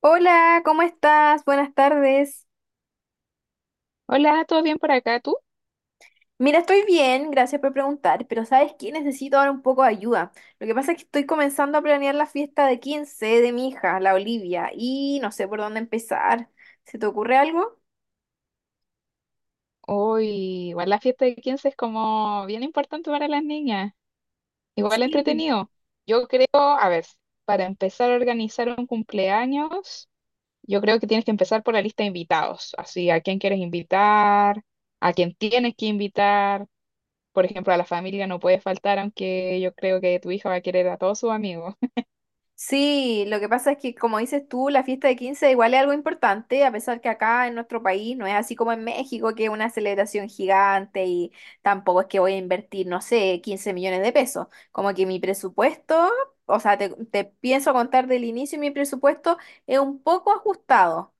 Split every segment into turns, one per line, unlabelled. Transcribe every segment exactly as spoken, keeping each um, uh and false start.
Hola, ¿cómo estás? Buenas tardes.
Hola, ¿todo bien por acá tú?
Mira, estoy bien, gracias por preguntar, pero ¿sabes qué? Necesito ahora un poco de ayuda. Lo que pasa es que estoy comenzando a planear la fiesta de quince de mi hija, la Olivia, y no sé por dónde empezar. ¿Se te ocurre algo?
Hoy, igual la fiesta de quince es como bien importante para las niñas, igual
Sí.
entretenido. Yo creo, a ver, para empezar a organizar un cumpleaños, yo creo que tienes que empezar por la lista de invitados, así a quién quieres invitar, a quién tienes que invitar, por ejemplo, a la familia no puede faltar, aunque yo creo que tu hija va a querer a todos sus amigos.
Sí, lo que pasa es que, como dices tú, la fiesta de quince igual es algo importante, a pesar que acá en nuestro país no es así como en México, que es una celebración gigante y tampoco es que voy a invertir, no sé, quince millones de pesos. Como que mi presupuesto, o sea, te, te pienso contar del inicio, mi presupuesto es un poco ajustado.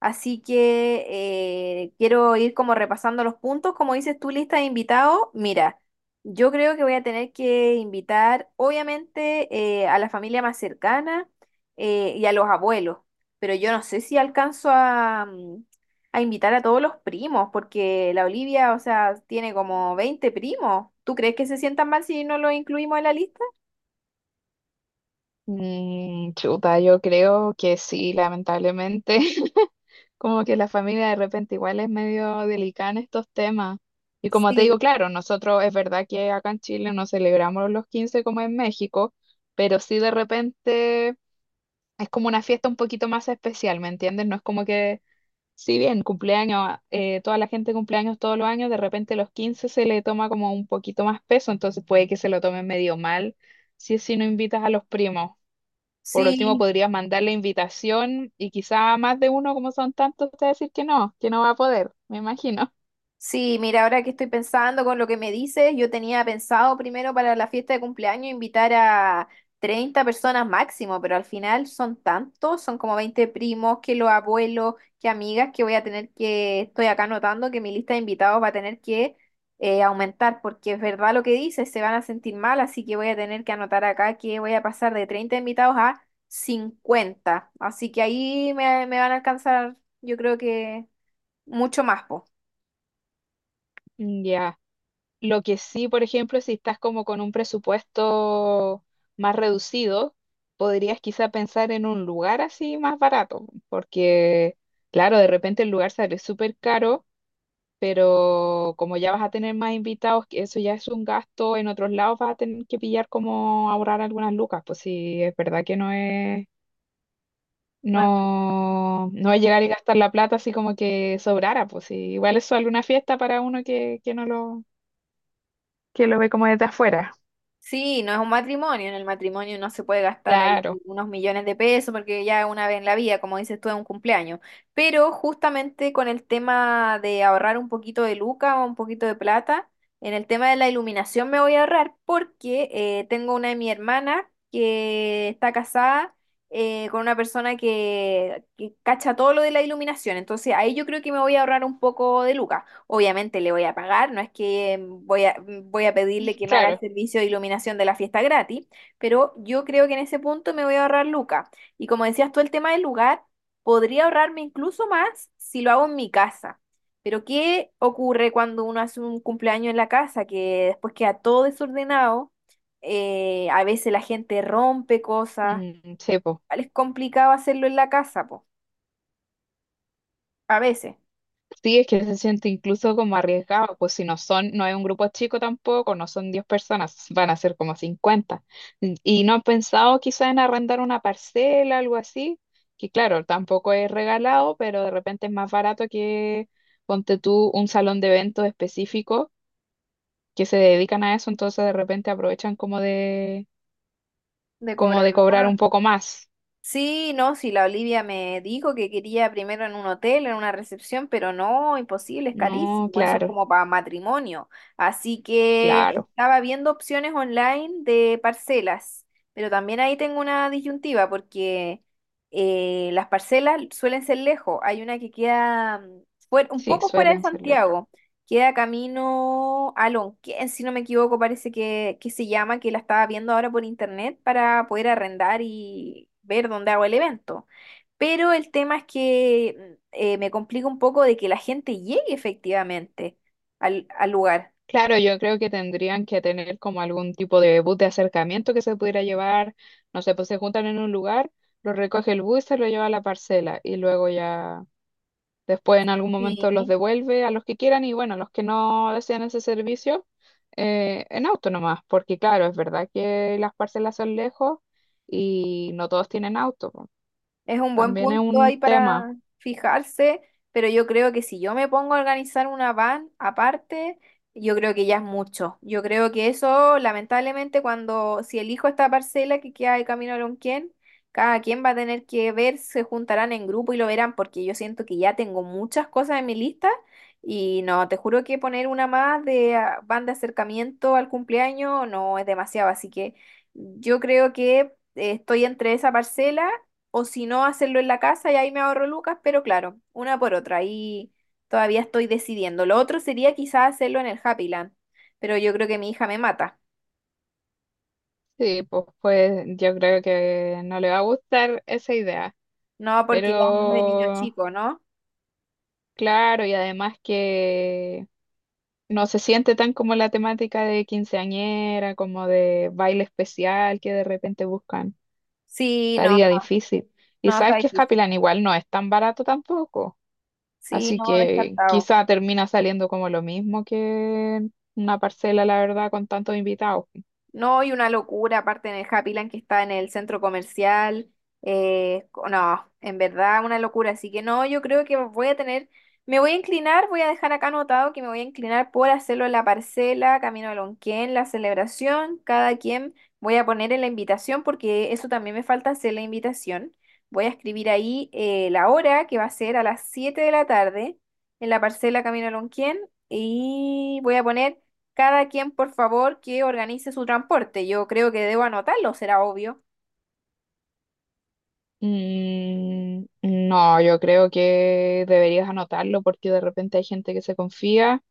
Así que eh, quiero ir como repasando los puntos, como dices tú, lista de invitados. Mira. Yo creo que voy a tener que invitar, obviamente, eh, a la familia más cercana eh, y a los abuelos, pero yo no sé si alcanzo a, mm, a invitar a todos los primos, porque la Olivia, o sea, tiene como veinte primos. ¿Tú crees que se sientan mal si no los incluimos en la lista?
Mm, chuta, yo creo que sí, lamentablemente. Como que la familia de repente igual es medio delicada en estos temas. Y como te digo,
Sí,
claro, nosotros es verdad que acá en Chile no celebramos los quince como en México, pero sí de repente es como una fiesta un poquito más especial, ¿me entiendes? No es como que, si bien cumpleaños, eh, toda la gente cumpleaños todos los años, de repente los quince se le toma como un poquito más peso, entonces puede que se lo tomen medio mal si si no invitas a los primos. Por último,
sí,
podrías mandar la invitación y quizá a más de uno, como son tantos, te va a decir que no, que no va a poder, me imagino.
sí, mira, ahora que estoy pensando con lo que me dices, yo tenía pensado primero para la fiesta de cumpleaños invitar a treinta personas máximo, pero al final son tantos, son como veinte primos, que los abuelos, que amigas, que voy a tener que, estoy acá notando que mi lista de invitados va a tener que eh, aumentar, porque es verdad lo que dices, se van a sentir mal, así que voy a tener que anotar acá que voy a pasar de treinta invitados a cincuenta, así que ahí me, me van a alcanzar, yo creo que mucho más, po.
Mm, ya. Lo que sí, por ejemplo, si estás como con un presupuesto más reducido, podrías quizá pensar en un lugar así más barato, porque claro, de repente el lugar sale súper caro, pero como ya vas a tener más invitados, que eso ya es un gasto, en otros lados vas a tener que pillar como ahorrar algunas lucas, pues sí, es verdad que no es. No, no es llegar y gastar la plata así como que sobrara, pues sí, igual es solo una fiesta para uno que, que no lo, que lo ve como desde afuera.
Sí, no es un matrimonio. En el matrimonio no se puede gastar ahí
Claro,
unos millones de pesos porque ya una vez en la vida, como dices tú, es un cumpleaños. Pero justamente con el tema de ahorrar un poquito de luca o un poquito de plata, en el tema de la iluminación me voy a ahorrar porque eh, tengo una de mi hermana que está casada eh, con una persona que, que cacha todo lo de la iluminación. Entonces ahí yo creo que me voy a ahorrar un poco de lucas. Obviamente le voy a pagar, no es que mm, voy a, mm, voy a pedirle que me haga el
claro.
servicio de iluminación de la fiesta gratis, pero yo creo que en ese punto me voy a ahorrar lucas. Y como decías tú, el tema del lugar, podría ahorrarme incluso más si lo hago en mi casa. Pero ¿qué ocurre cuando uno hace un cumpleaños en la casa que después queda todo desordenado? Eh, a veces la gente rompe cosas.
Mm, sí, pues.
Igual es complicado hacerlo en la casa, po, a veces,
Sí, es que se siente incluso como arriesgado, pues si no son, no es un grupo chico tampoco, no son diez personas, van a ser como cincuenta. Mm, Y no han pensado quizá en arrendar una parcela, algo así, que claro, tampoco es regalado, pero de repente es más barato que ponte tú un salón de eventos específico que se dedican a eso, entonces de repente aprovechan como de,
de cobrar.
como de cobrar un poco más.
Sí, no, sí, la Olivia me dijo que quería primero en un hotel, en una recepción, pero no, imposible, es
No,
carísimo, eso es
claro,
como para matrimonio. Así que
claro,
estaba viendo opciones online de parcelas, pero también ahí tengo una disyuntiva porque eh, las parcelas suelen ser lejos, hay una que queda mm, fuer- un
sí,
poco fuera de
suelen ser lejos.
Santiago. Queda camino a Lonquén, si no me equivoco, parece que, que se llama, que la estaba viendo ahora por internet para poder arrendar y ver dónde hago el evento. Pero el tema es que eh, me complica un poco de que la gente llegue efectivamente al, al lugar.
Claro, yo creo que tendrían que tener como algún tipo de bus de acercamiento que se pudiera llevar, no sé, pues se juntan en un lugar, lo recoge el bus y se lo lleva a la parcela y luego ya. Después en algún
Sí.
momento los devuelve a los que quieran y bueno, los que no desean ese servicio eh, en auto nomás, porque claro, es verdad que las parcelas son lejos y no todos tienen auto, po.
Es un buen
También es
punto ahí
un tema.
para fijarse, pero yo creo que si yo me pongo a organizar una van aparte, yo creo que ya es mucho. Yo creo que eso, lamentablemente, cuando si elijo esta parcela que queda de camino a Lonquén, cada quien va a tener que ver, se juntarán en grupo y lo verán, porque yo siento que ya tengo muchas cosas en mi lista y no, te juro que poner una más de ah, van de acercamiento al cumpleaños no es demasiado, así que yo creo que eh, estoy entre esa parcela o si no, hacerlo en la casa y ahí me ahorro lucas, pero claro, una por otra. Ahí todavía estoy decidiendo. Lo otro sería quizás hacerlo en el Happyland, pero yo creo que mi hija me mata.
Sí, pues, pues yo creo que no le va a gustar esa idea,
No, porque ya no es de niño
pero
chico, ¿no?
claro, y además que no se siente tan como la temática de quinceañera, como de baile especial que de repente buscan.
Sí, no, no,
Estaría difícil. Y
no,
sabes
está
que
difícil.
Escapilán igual no es tan barato tampoco.
Sí,
Así
no,
que
descartado.
quizá termina saliendo como lo mismo que una parcela, la verdad, con tantos invitados.
No, y una locura, aparte en el Happyland que está en el centro comercial. Eh, co- no, en verdad, una locura. Así que no, yo creo que voy a tener, me voy a inclinar, voy a dejar acá anotado que me voy a inclinar por hacerlo en la parcela, camino a Lonquén, la celebración, cada quien voy a poner en la invitación, porque eso también me falta hacer la invitación. Voy a escribir ahí eh, la hora, que va a ser a las siete de la tarde, en la parcela, camino a Lonquén, y voy a poner. Cada quien, por favor, que organice su transporte. Yo creo que debo anotarlo, será obvio.
Mm, no, yo creo que deberías anotarlo porque de repente hay gente que se confía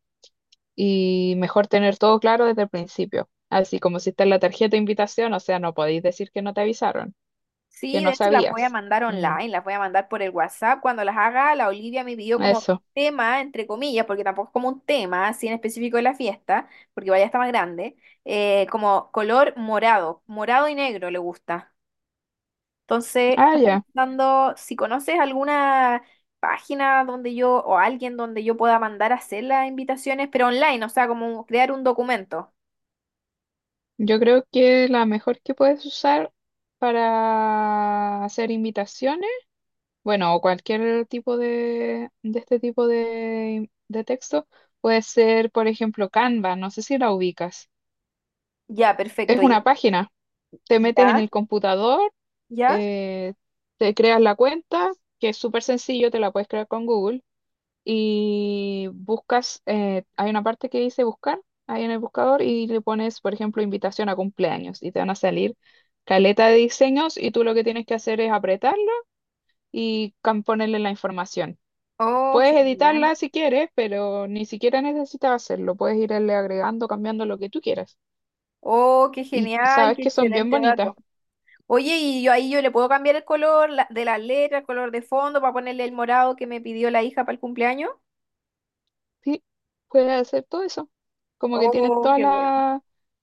y mejor tener todo claro desde el principio. Así como si está en la tarjeta de invitación, o sea, no podéis decir que no te avisaron, que
Sí, de
no
hecho las voy a
sabías.
mandar
Mm,
online, las voy a mandar por el WhatsApp. Cuando las haga, la Olivia me pidió como
eso.
tema, entre comillas, porque tampoco es como un tema, así en específico de la fiesta, porque vaya está más grande, eh, como color morado, morado y negro le gusta. Entonces,
Ah,
estaba
ya.
pensando si conoces alguna página donde yo, o alguien donde yo pueda mandar a hacer las invitaciones, pero online, o sea, como crear un documento.
Yo creo que la mejor que puedes usar para hacer invitaciones, bueno, o cualquier tipo de, de este tipo de, de texto, puede ser, por ejemplo, Canva, no sé si la ubicas.
Ya, perfecto.
Es
y-
una página, te metes en
Ya,
el computador,
ya.
eh, te creas la cuenta, que es súper sencillo, te la puedes crear con Google. Y buscas, eh, hay una parte que dice buscar ahí en el buscador y le pones, por ejemplo, invitación a cumpleaños y te van a salir caleta de diseños y tú lo que tienes que hacer es apretarlo y cam- ponerle la información.
Oh,
Puedes
genial.
editarla si quieres, pero ni siquiera necesitas hacerlo. Puedes irle agregando, cambiando lo que tú quieras.
Oh, qué
Y
genial,
sabes
qué
que son bien
excelente
bonitas.
dato. Oye, y yo ahí yo le puedo cambiar el color la- de la letra, el color de fondo, para ponerle el morado que me pidió la hija para el cumpleaños.
Sí, puedes hacer todo eso. Como que tienes
Oh,
toda
qué bueno.
la,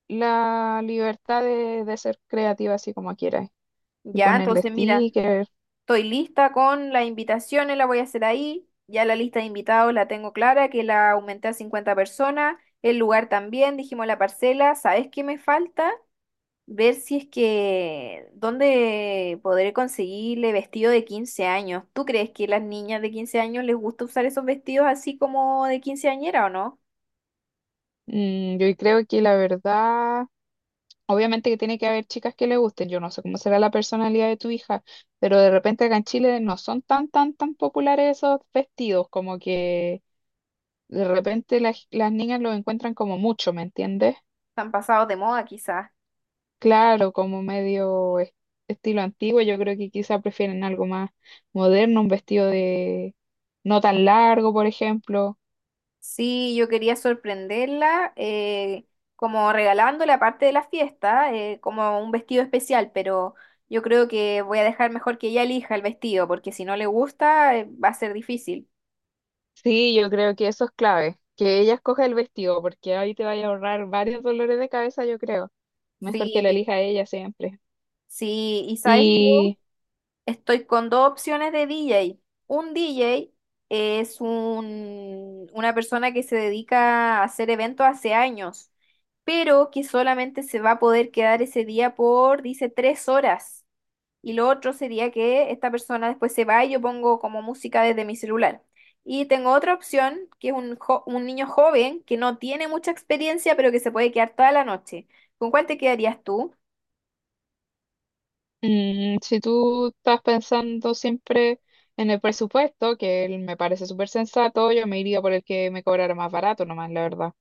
la libertad de, de ser creativa así como quieras. Y
Ya,
ponerle
entonces mira,
stickers.
estoy lista con las invitaciones, la voy a hacer ahí. Ya la lista de invitados la tengo clara, que la aumenté a cincuenta personas. El lugar también, dijimos la parcela. ¿Sabes qué me falta? Ver si es que dónde podré conseguirle vestido de quince años. ¿Tú crees que las niñas de quince años les gusta usar esos vestidos así como de quinceañera o no?
Mm, yo creo que la verdad, obviamente que tiene que haber chicas que le gusten. Yo no sé cómo será la personalidad de tu hija, pero de repente acá en Chile no son tan, tan, tan populares esos vestidos, como que de repente las, las niñas los encuentran como mucho, ¿me entiendes?
Están pasados de moda quizás.
Claro, como medio es- estilo antiguo, yo creo que quizá prefieren algo más moderno, un vestido de no tan largo, por ejemplo.
Sí, yo quería sorprenderla eh, como regalándole aparte de la fiesta, eh, como un vestido especial, pero yo creo que voy a dejar mejor que ella elija el vestido, porque si no le gusta, eh, va a ser difícil.
Sí, yo creo que eso es clave, que ella escoja el vestido, porque ahí te vaya a ahorrar varios dolores de cabeza, yo creo. Mejor que lo
Sí,
elija ella siempre.
sí, y sabes
Y
estoy con dos opciones de D J. Un D J es un- una persona que se dedica a hacer eventos hace años, pero que solamente se va a poder quedar ese día por, dice, tres horas. Y lo otro sería que esta persona después se va y yo pongo como música desde mi celular. Y tengo otra opción, que es un, jo- un niño joven que no tiene mucha experiencia, pero que se puede quedar toda la noche. ¿Con cuál te quedarías tú?
mm, si tú estás pensando siempre en el presupuesto, que él me parece súper sensato, yo me iría por el que me cobrara más barato nomás, la verdad.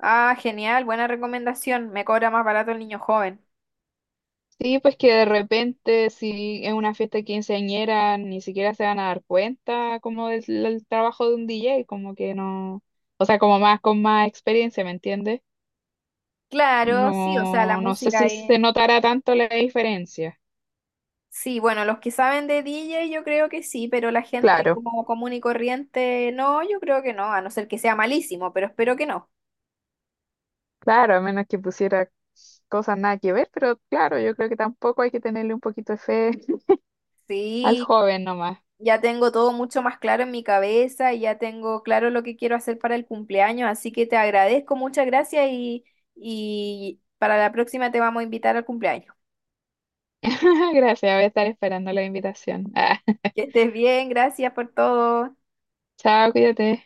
Ah, genial, buena recomendación. Me cobra más barato el niño joven.
Sí, pues que de repente, si es una fiesta quinceañera, ni siquiera se van a dar cuenta como del, del trabajo de un D J, como que no, o sea, como más con más experiencia, ¿me entiendes?
Claro, sí, o sea, la
No, no sé
música
si
es...
se notará tanto la diferencia.
Sí, bueno, los que saben de D J yo creo que sí, pero la gente
Claro,
como común y corriente, no, yo creo que no, a no ser que sea malísimo, pero espero que no.
claro, a menos que pusiera cosas nada que ver, pero claro, yo creo que tampoco hay que tenerle un poquito de fe. Al
Sí,
joven nomás.
ya tengo todo mucho más claro en mi cabeza y ya tengo claro lo que quiero hacer para el cumpleaños, así que te agradezco, muchas gracias y, y para la próxima te vamos a invitar al cumpleaños.
Gracias, voy a estar esperando la invitación. Ah,
Que estés bien, gracias por todo.
chao, cuídate.